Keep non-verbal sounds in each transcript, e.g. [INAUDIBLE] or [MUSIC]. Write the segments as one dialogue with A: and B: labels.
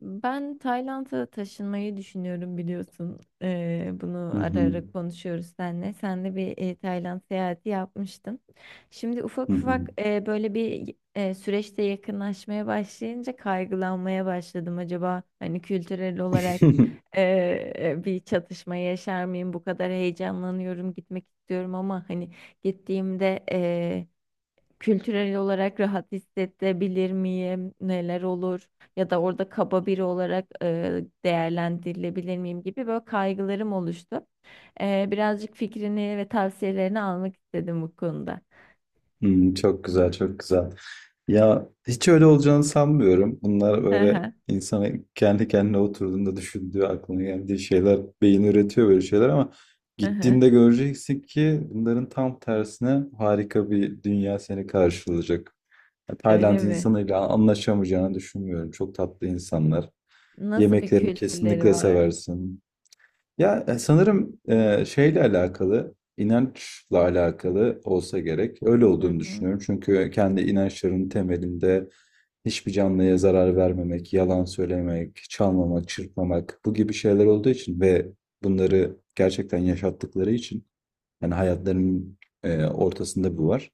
A: Ben Tayland'a taşınmayı düşünüyorum biliyorsun. Bunu
B: Hı
A: ara
B: hı.
A: ara konuşuyoruz seninle. Sen de bir Tayland seyahati yapmıştın. Şimdi
B: Hı
A: ufak ufak
B: hı.
A: böyle bir süreçte yakınlaşmaya başlayınca kaygılanmaya başladım. Acaba hani kültürel olarak
B: [LAUGHS]
A: bir çatışma yaşar mıyım? Bu kadar heyecanlanıyorum, gitmek istiyorum ama hani gittiğimde. Kültürel olarak rahat hissedebilir miyim? Neler olur? Ya da orada kaba biri olarak değerlendirilebilir miyim gibi böyle kaygılarım oluştu. Birazcık fikrini ve tavsiyelerini almak istedim bu konuda.
B: Hımm, çok güzel, çok güzel. Ya, hiç öyle olacağını sanmıyorum. Bunlar
A: Hı
B: öyle
A: hı,
B: insana kendi kendine oturduğunda düşündüğü, aklına geldiği şeyler, beyin üretiyor böyle şeyler ama
A: hı hı.
B: gittiğinde göreceksin ki bunların tam tersine harika bir dünya seni karşılayacak. Ya, Tayland
A: Öyle mi?
B: insanıyla anlaşamayacağını düşünmüyorum. Çok tatlı insanlar.
A: Nasıl bir
B: Yemeklerini
A: kültürleri
B: kesinlikle
A: var?
B: seversin. Ya sanırım şeyle alakalı, inançla alakalı olsa gerek. Öyle
A: Hı
B: olduğunu
A: hı.
B: düşünüyorum. Çünkü kendi inançlarının temelinde hiçbir canlıya zarar vermemek, yalan söylemek, çalmamak, çırpmamak bu gibi şeyler olduğu için ve bunları gerçekten yaşattıkları için yani hayatlarının ortasında bu var.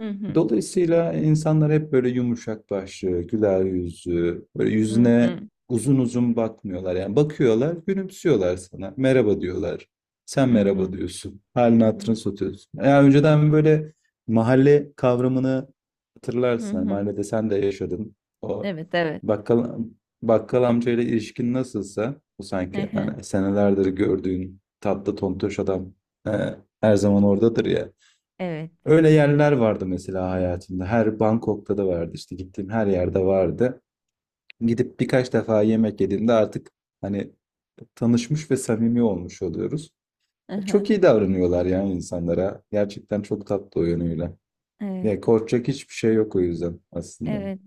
A: Hı hı.
B: Dolayısıyla insanlar hep böyle yumuşak başlı, güler yüzlü, böyle
A: Hı
B: yüzüne
A: hı.
B: uzun uzun bakmıyorlar. Yani bakıyorlar, gülümsüyorlar sana. Merhaba diyorlar. Sen
A: Hı
B: merhaba
A: hı.
B: diyorsun. Halini hatırını satıyorsun. Yani önceden böyle mahalle kavramını
A: Hı
B: hatırlarsın. Yani
A: hı.
B: mahallede sen de yaşadın. O
A: Evet, evet.
B: bakkal, bakkal amcayla ilişkin nasılsa bu
A: Hı
B: sanki
A: hı.
B: hani senelerdir gördüğün tatlı tontoş adam, e, her zaman oradadır ya.
A: Evet.
B: Öyle yerler vardı mesela hayatımda. Her Bangkok'ta da vardı, işte gittiğim her yerde vardı. Gidip birkaç defa yemek yediğimde artık hani tanışmış ve samimi olmuş oluyoruz.
A: Hı hı.
B: Çok iyi davranıyorlar yani insanlara. Gerçekten çok tatlı o yönüyle.
A: Evet.
B: Ya korkacak hiçbir şey yok o yüzden aslında.
A: Evet.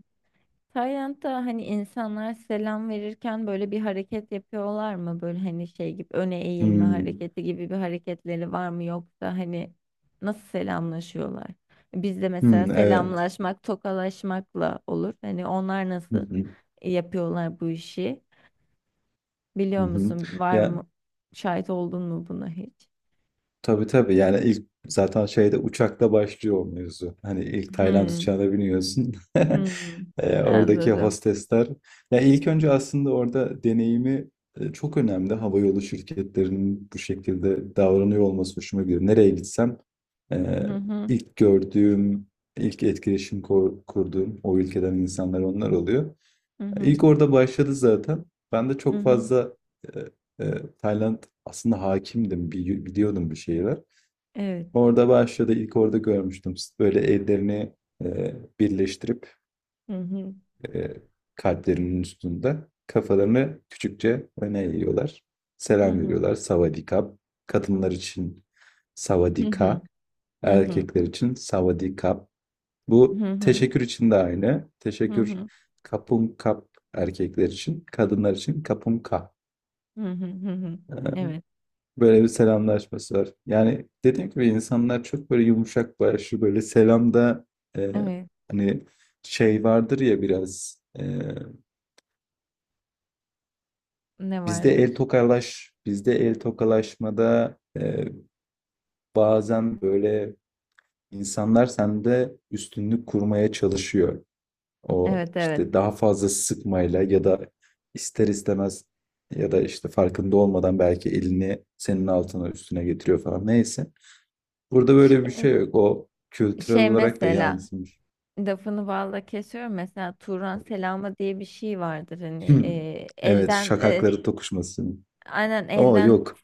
A: Tayland'da hani insanlar selam verirken böyle bir hareket yapıyorlar mı? Böyle hani şey gibi öne eğilme
B: Hmm.
A: hareketi gibi bir hareketleri var mı, yoksa hani nasıl selamlaşıyorlar? Bizde mesela
B: Hmm, evet.
A: selamlaşmak tokalaşmakla olur. Hani onlar
B: Hı
A: nasıl
B: hı,
A: yapıyorlar bu işi?
B: hı
A: Biliyor
B: hı.
A: musun? Var
B: Ya
A: mı? Şahit oldun mu buna hiç?
B: tabii tabii, yani ilk zaten şeyde, uçakta başlıyor o mevzu. Hani ilk Tayland
A: Hmm,
B: uçağına biniyorsun. [LAUGHS]
A: hmm,
B: Oradaki
A: anladım.
B: hostesler. Ya ilk önce aslında orada deneyimi çok önemli. Havayolu şirketlerinin bu şekilde davranıyor olması hoşuma gidiyor. Nereye gitsem e,
A: Hı hı,
B: ilk gördüğüm, ilk etkileşim kurduğum o ülkeden insanlar onlar oluyor.
A: hı hı,
B: İlk orada başladı zaten. Ben de
A: hı
B: çok
A: hı.
B: fazla e, e, Tayland aslında hakimdim, biliyordum bir şeyler.
A: Evet.
B: Orada başladı. İlk orada görmüştüm. Böyle ellerini birleştirip,
A: Hı hı,
B: e, kalplerinin üstünde kafalarını küçükçe öne eğiyorlar.
A: hı
B: Selam
A: hı,
B: veriyorlar. Savadikap. Kadınlar için
A: hı hı,
B: savadika.
A: hı hı.
B: Erkekler için savadikap. Bu
A: Hı hı.
B: teşekkür için de aynı.
A: Hı
B: Teşekkür
A: hı.
B: kapum kap erkekler için. Kadınlar için kapum kap.
A: Hı hı. Hı hı.
B: E,
A: Evet.
B: Böyle bir selamlaşması var. Yani dediğim gibi insanlar çok böyle yumuşak başlı, böyle selamda e,
A: Evet.
B: hani şey vardır ya, biraz
A: Ne vardır?
B: bizde el tokalaşmada bazen böyle insanlar sende üstünlük kurmaya çalışıyor. O
A: Evet, evet.
B: işte daha fazla sıkmayla, ya da ister istemez, ya da işte farkında olmadan belki elini senin altına üstüne getiriyor falan, neyse. Burada böyle bir
A: Şey,
B: şey yok. O kültürel
A: şey
B: olarak da
A: mesela
B: yansımış.
A: lafını balla kesiyorum, mesela Turan
B: [CLEARS THROAT]
A: selamı diye bir şey vardır hani,
B: Hmm. Evet,
A: elden
B: şakakları tokuşması.
A: aynen
B: O
A: elden,
B: yok.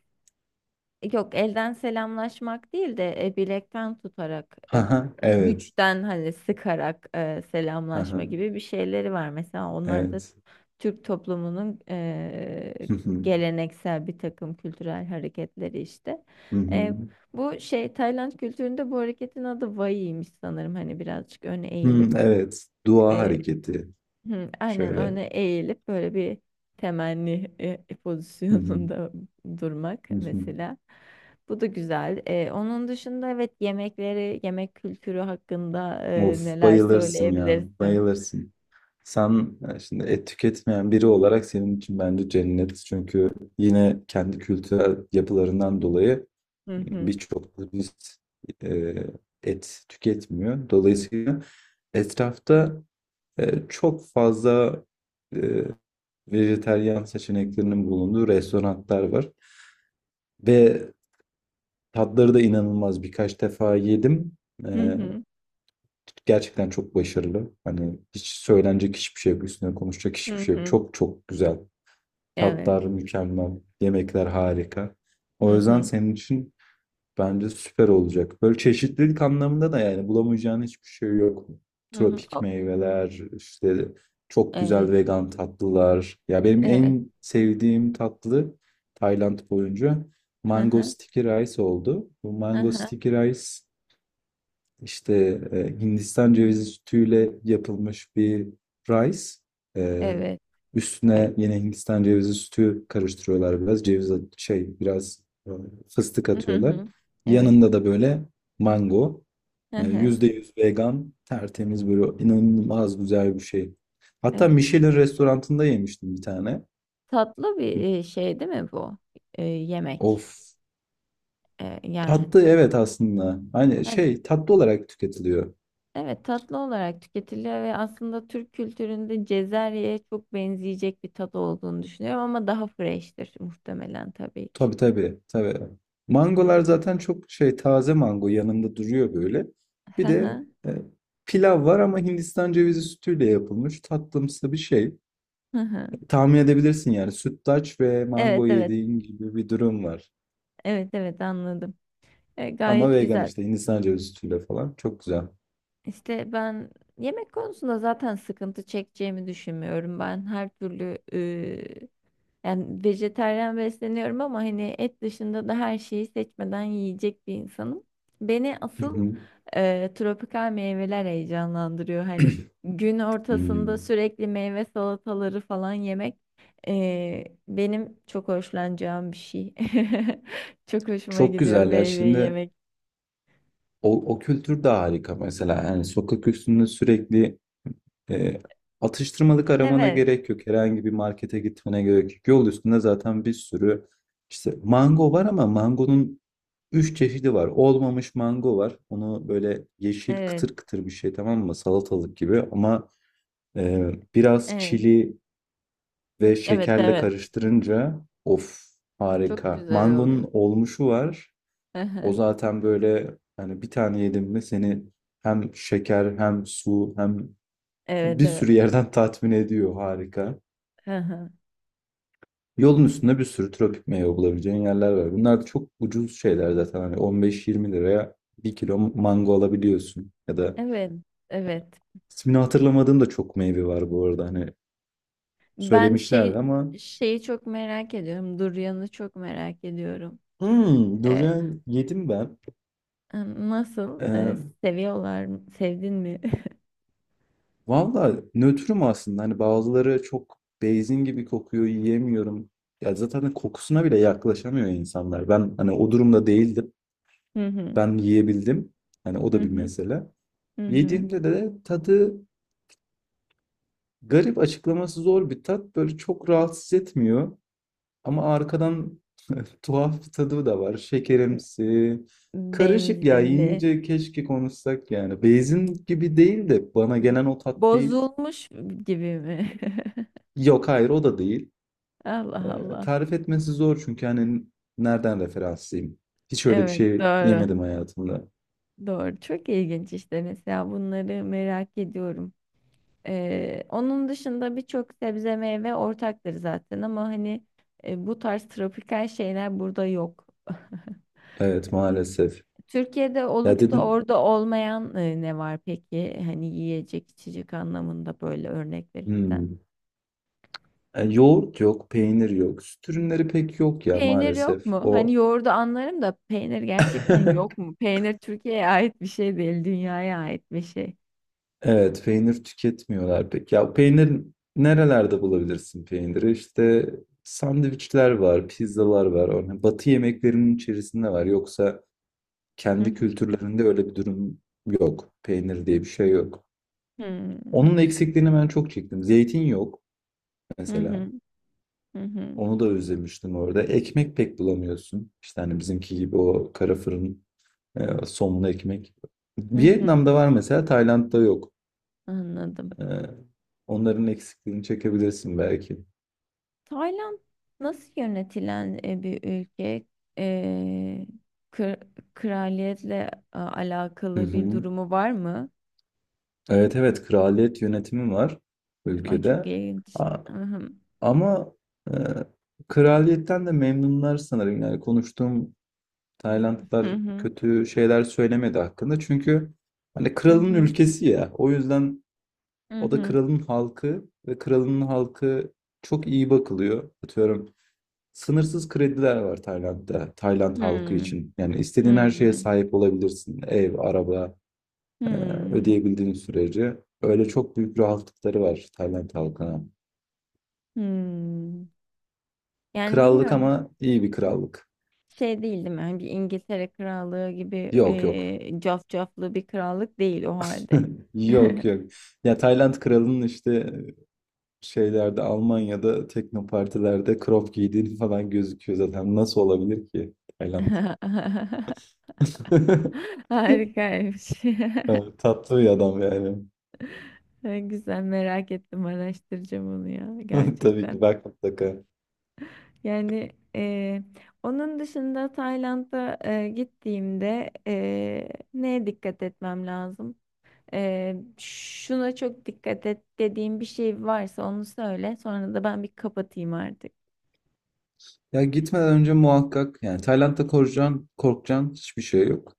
A: yok, elden selamlaşmak değil de bilekten tutarak
B: Haha, evet.
A: güçten hani sıkarak selamlaşma
B: Haha,
A: gibi bir şeyleri var mesela, onlar da
B: evet.
A: Türk toplumunun
B: Hı hı,
A: geleneksel bir takım kültürel hareketleri işte.
B: hı hı.
A: Eee, Bu şey Tayland kültüründe bu hareketin adı Vai'ymiş sanırım. Hani birazcık öne
B: Hmm,
A: eğilip
B: evet. Dua
A: eee,
B: hareketi.
A: hı, aynen
B: Şöyle.
A: öne eğilip böyle bir temenni
B: Hı hı,
A: pozisyonunda [LAUGHS] durmak
B: hı hı.
A: mesela. Bu da güzel. Onun dışında evet, yemekleri, yemek kültürü hakkında
B: Of,
A: neler
B: bayılırsın ya.
A: söyleyebilirsin?
B: Bayılırsın. Sen, şimdi et tüketmeyen biri olarak, senin için bence cennet. Çünkü yine kendi kültürel yapılarından dolayı
A: Hı hı.
B: birçok turist e, et tüketmiyor. Dolayısıyla etrafta çok fazla e, vejetaryen seçeneklerinin bulunduğu restoranlar var. Ve tatları da inanılmaz. Birkaç defa yedim.
A: Hı
B: E,
A: hı.
B: Gerçekten çok başarılı. Hani hiç söylenecek hiçbir şey yok. Üstüne konuşacak
A: Hı
B: hiçbir şey yok.
A: hı.
B: Çok çok güzel.
A: Evet.
B: Tatlar mükemmel. Yemekler harika.
A: Hı
B: O yüzden
A: hı.
B: senin için bence süper olacak. Böyle çeşitlilik anlamında da yani bulamayacağın hiçbir şey yok.
A: Hı hı.
B: Tropik
A: O-
B: meyveler, işte çok
A: Evet,
B: güzel vegan tatlılar. Ya benim
A: evet.
B: en sevdiğim tatlı Tayland boyunca
A: Hı
B: mango
A: hı.
B: sticky rice oldu. Bu
A: Hı
B: mango
A: hı.
B: sticky rice işte Hindistan cevizi sütüyle yapılmış bir rice. E,
A: Evet. Ay,
B: Üstüne yine Hindistan cevizi sütü karıştırıyorlar biraz. Şey, biraz e, fıstık
A: hı
B: atıyorlar.
A: hı. Evet.
B: Yanında da böyle mango.
A: Hı hı.
B: Yüzde yüz vegan, tertemiz, böyle inanılmaz güzel bir şey. Hatta
A: Evet.
B: Michelin restorantında yemiştim bir tane.
A: Tatlı bir şey değil mi bu? Yemek.
B: Of.
A: Yani
B: Tatlı evet aslında. Hani
A: hani,
B: şey, tatlı olarak tüketiliyor.
A: evet, tatlı olarak tüketiliyor ve aslında Türk kültüründe Cezerye'ye çok benzeyecek bir tadı olduğunu düşünüyorum, ama daha fresh'tir muhtemelen tabii ki.
B: Tabii tabii tabii. Mangolar zaten çok şey, taze mango yanında duruyor böyle.
A: Hı
B: Bir de
A: hı.
B: e, pilav var ama Hindistan cevizi sütüyle yapılmış tatlımsı bir şey.
A: Hı hı.
B: Tahmin edebilirsin yani, sütlaç ve
A: Evet,
B: mango
A: evet.
B: yediğin gibi bir durum var.
A: Evet, evet, anladım.
B: Ama
A: Gayet
B: vegan,
A: güzel.
B: işte Hindistan cevizi sütüyle falan, çok güzel.
A: İşte ben yemek konusunda zaten sıkıntı çekeceğimi düşünmüyorum. Ben her türlü yani vejetaryen besleniyorum, ama hani et dışında da her şeyi seçmeden yiyecek bir insanım. Beni
B: Hı
A: asıl
B: hı.
A: tropikal meyveler heyecanlandırıyor. Hani gün ortasında
B: Hmm.
A: sürekli meyve salataları falan yemek benim çok hoşlanacağım bir şey. [LAUGHS] Çok hoşuma
B: Çok
A: gidiyor
B: güzel ya,
A: meyve
B: şimdi
A: yemek.
B: o kültür de harika mesela. Yani sokak üstünde sürekli E, atıştırmalık aramana
A: Evet,
B: gerek yok. Herhangi bir markete gitmene gerek yok. Yol üstünde zaten bir sürü işte mango var ama mangonun üç çeşidi var. Olmamış mango var. Onu böyle yeşil,
A: evet,
B: kıtır kıtır bir şey, tamam mı? Salatalık gibi ama biraz
A: evet.
B: çili ve
A: Evet,
B: şekerle
A: evet.
B: karıştırınca, of,
A: Çok
B: harika.
A: güzel
B: Mangonun
A: oluyor.
B: olmuşu var.
A: Hı
B: O
A: hı.
B: zaten böyle, hani bir tane yedim mi, seni hem şeker hem su hem
A: Evet,
B: bir
A: evet.
B: sürü yerden [LAUGHS] tatmin ediyor. Harika.
A: Hı hı.
B: Yolun üstünde bir sürü tropik meyve bulabileceğin yerler var. Bunlar da çok ucuz şeyler zaten. Hani 15-20 liraya bir kilo mango alabiliyorsun. Ya da
A: Evet, evet.
B: ismini hatırlamadığım da çok meyve var bu arada. Hani
A: Ben
B: söylemişlerdi ama
A: şeyi çok merak ediyorum. Duryan'ı çok merak ediyorum. E,
B: durian yedim ben.
A: Nasıl,
B: Ee,
A: Seviyorlar mı? Sevdin mi? [LAUGHS]
B: Valla nötrüm aslında. Hani bazıları çok beyzin gibi kokuyor, yiyemiyorum. Ya zaten hani kokusuna bile yaklaşamıyor insanlar. Ben hani o durumda değildim.
A: Hı hı.
B: Ben yiyebildim. Hani o
A: Hı
B: da bir
A: hı.
B: mesele.
A: Hı hı.
B: Yediğimde de tadı garip, açıklaması zor bir tat. Böyle çok rahatsız etmiyor. Ama arkadan [LAUGHS] tuhaf bir tadı da var. Şekerimsi. Karışık ya.
A: Benzinli.
B: Yiyince keşke konuşsak yani. Beyzin gibi değil de bana gelen o tat değil.
A: Bozulmuş gibi mi?
B: Yok, hayır, o da değil.
A: [LAUGHS] Allah Allah.
B: Tarif etmesi zor çünkü hani nereden referanslıyım? Hiç öyle bir
A: Evet,
B: şey
A: doğru.
B: yemedim hayatımda.
A: Doğru. Çok ilginç işte, mesela bunları merak ediyorum. Onun dışında birçok sebze meyve ortaktır zaten, ama hani bu tarz tropikal şeyler burada yok. [LAUGHS]
B: Evet, maalesef.
A: Türkiye'de
B: Ya
A: olup da
B: dedin.
A: orada olmayan ne var peki? Hani yiyecek içecek anlamında böyle örnek verirsen.
B: Hmm. Yoğurt yok, peynir yok. Süt ürünleri pek yok ya,
A: Peynir yok
B: maalesef.
A: mu? Hani
B: O.
A: yoğurdu anlarım da peynir gerçekten
B: [LAUGHS]
A: yok mu? Peynir Türkiye'ye ait bir şey değil, dünyaya ait bir şey.
B: Evet, peynir tüketmiyorlar pek. Ya peynir, nerelerde bulabilirsin peyniri? İşte sandviçler var, pizzalar var. Örneğin batı yemeklerinin içerisinde var. Yoksa
A: Hı hı.
B: kendi kültürlerinde öyle bir durum yok. Peynir diye bir şey yok. Onun eksikliğini ben çok çektim. Zeytin yok mesela.
A: Hı, hı hı. Hı hı.
B: Onu da özlemiştim orada. Ekmek pek bulamıyorsun. İşte hani bizimki gibi o kara fırın, somon ekmek.
A: Hı hı.
B: Vietnam'da var mesela, Tayland'da yok.
A: Anladım.
B: Ee, Onların eksikliğini çekebilirsin belki.
A: Tayland nasıl yönetilen bir ülke? E, kır- Kraliyetle
B: Hı
A: alakalı bir
B: hı.
A: durumu var mı?
B: Evet evet, kraliyet yönetimi var
A: Ay çok
B: ülkede.
A: ilginç.
B: A-
A: Hı hı,
B: Ama e, kraliyetten de memnunlar sanırım. Yani konuştuğum
A: hı
B: Taylandlılar
A: hı,
B: kötü şeyler söylemedi hakkında. Çünkü hani kralın
A: hı
B: ülkesi ya. O yüzden
A: hı,
B: o da
A: hı
B: kralın halkı, ve kralın halkı çok iyi bakılıyor. Atıyorum, sınırsız krediler var Tayland'da, Tayland halkı için. Yani
A: hı,
B: istediğin her şeye
A: hı
B: sahip olabilirsin. Ev, araba, e,
A: hı.
B: ödeyebildiğin sürece. Öyle çok büyük rahatlıkları var Tayland halkına.
A: Hı. Yani
B: Krallık
A: bilmiyorum,
B: ama iyi bir krallık.
A: şey değil değil mi? Hani bir İngiltere krallığı gibi
B: Yok yok.
A: cafcaflı bir krallık değil o halde.
B: [LAUGHS] Yok yok. Ya Tayland kralının, işte şeylerde, Almanya'da teknopartilerde crop giydiğini falan gözüküyor zaten. Nasıl olabilir ki Tayland?
A: [LAUGHS]
B: [LAUGHS]
A: Harikaymış. [LAUGHS]
B: Evet, tatlı bir adam yani.
A: Ay, güzel, merak ettim, araştıracağım onu ya
B: [LAUGHS] Tabii ki
A: gerçekten.
B: bak, mutlaka.
A: Yani onun dışında Tayland'a gittiğimde neye dikkat etmem lazım? Şuna çok dikkat et dediğim bir şey varsa onu söyle. Sonra da ben bir kapatayım artık.
B: Ya gitmeden önce muhakkak, yani Tayland'da korkacağın, korkacağın hiçbir şey yok.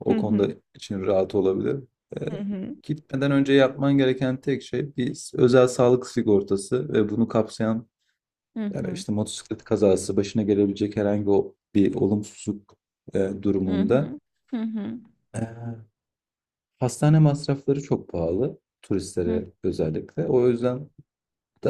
B: O
A: Hı
B: konuda
A: hı.
B: için rahat olabilir. Ee,
A: Hı hı.
B: Gitmeden önce yapman gereken tek şey bir özel sağlık sigortası, ve bunu kapsayan,
A: Hı
B: yani
A: hı,
B: işte motosiklet kazası, başına gelebilecek herhangi bir olumsuzluk
A: hı
B: durumunda.
A: hı, hı
B: Ee, Hastane masrafları çok pahalı
A: hı,
B: turistlere, özellikle. O yüzden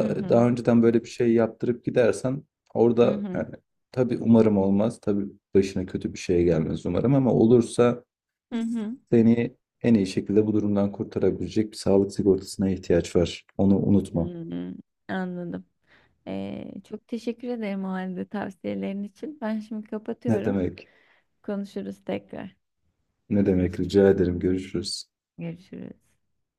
A: hı hı, hı
B: daha önceden böyle bir şey yaptırıp gidersen orada,
A: hı,
B: yani tabii umarım olmaz. Tabii başına kötü bir şey gelmez umarım, ama olursa
A: hı hı,
B: seni en iyi şekilde bu durumdan kurtarabilecek bir sağlık sigortasına ihtiyaç var. Onu
A: hı
B: unutma.
A: hı. Anladım. Çok teşekkür ederim o halde tavsiyelerin için. Ben şimdi
B: Ne
A: kapatıyorum.
B: demek?
A: Konuşuruz tekrar.
B: Ne demek? Rica ederim. Görüşürüz.
A: Görüşürüz.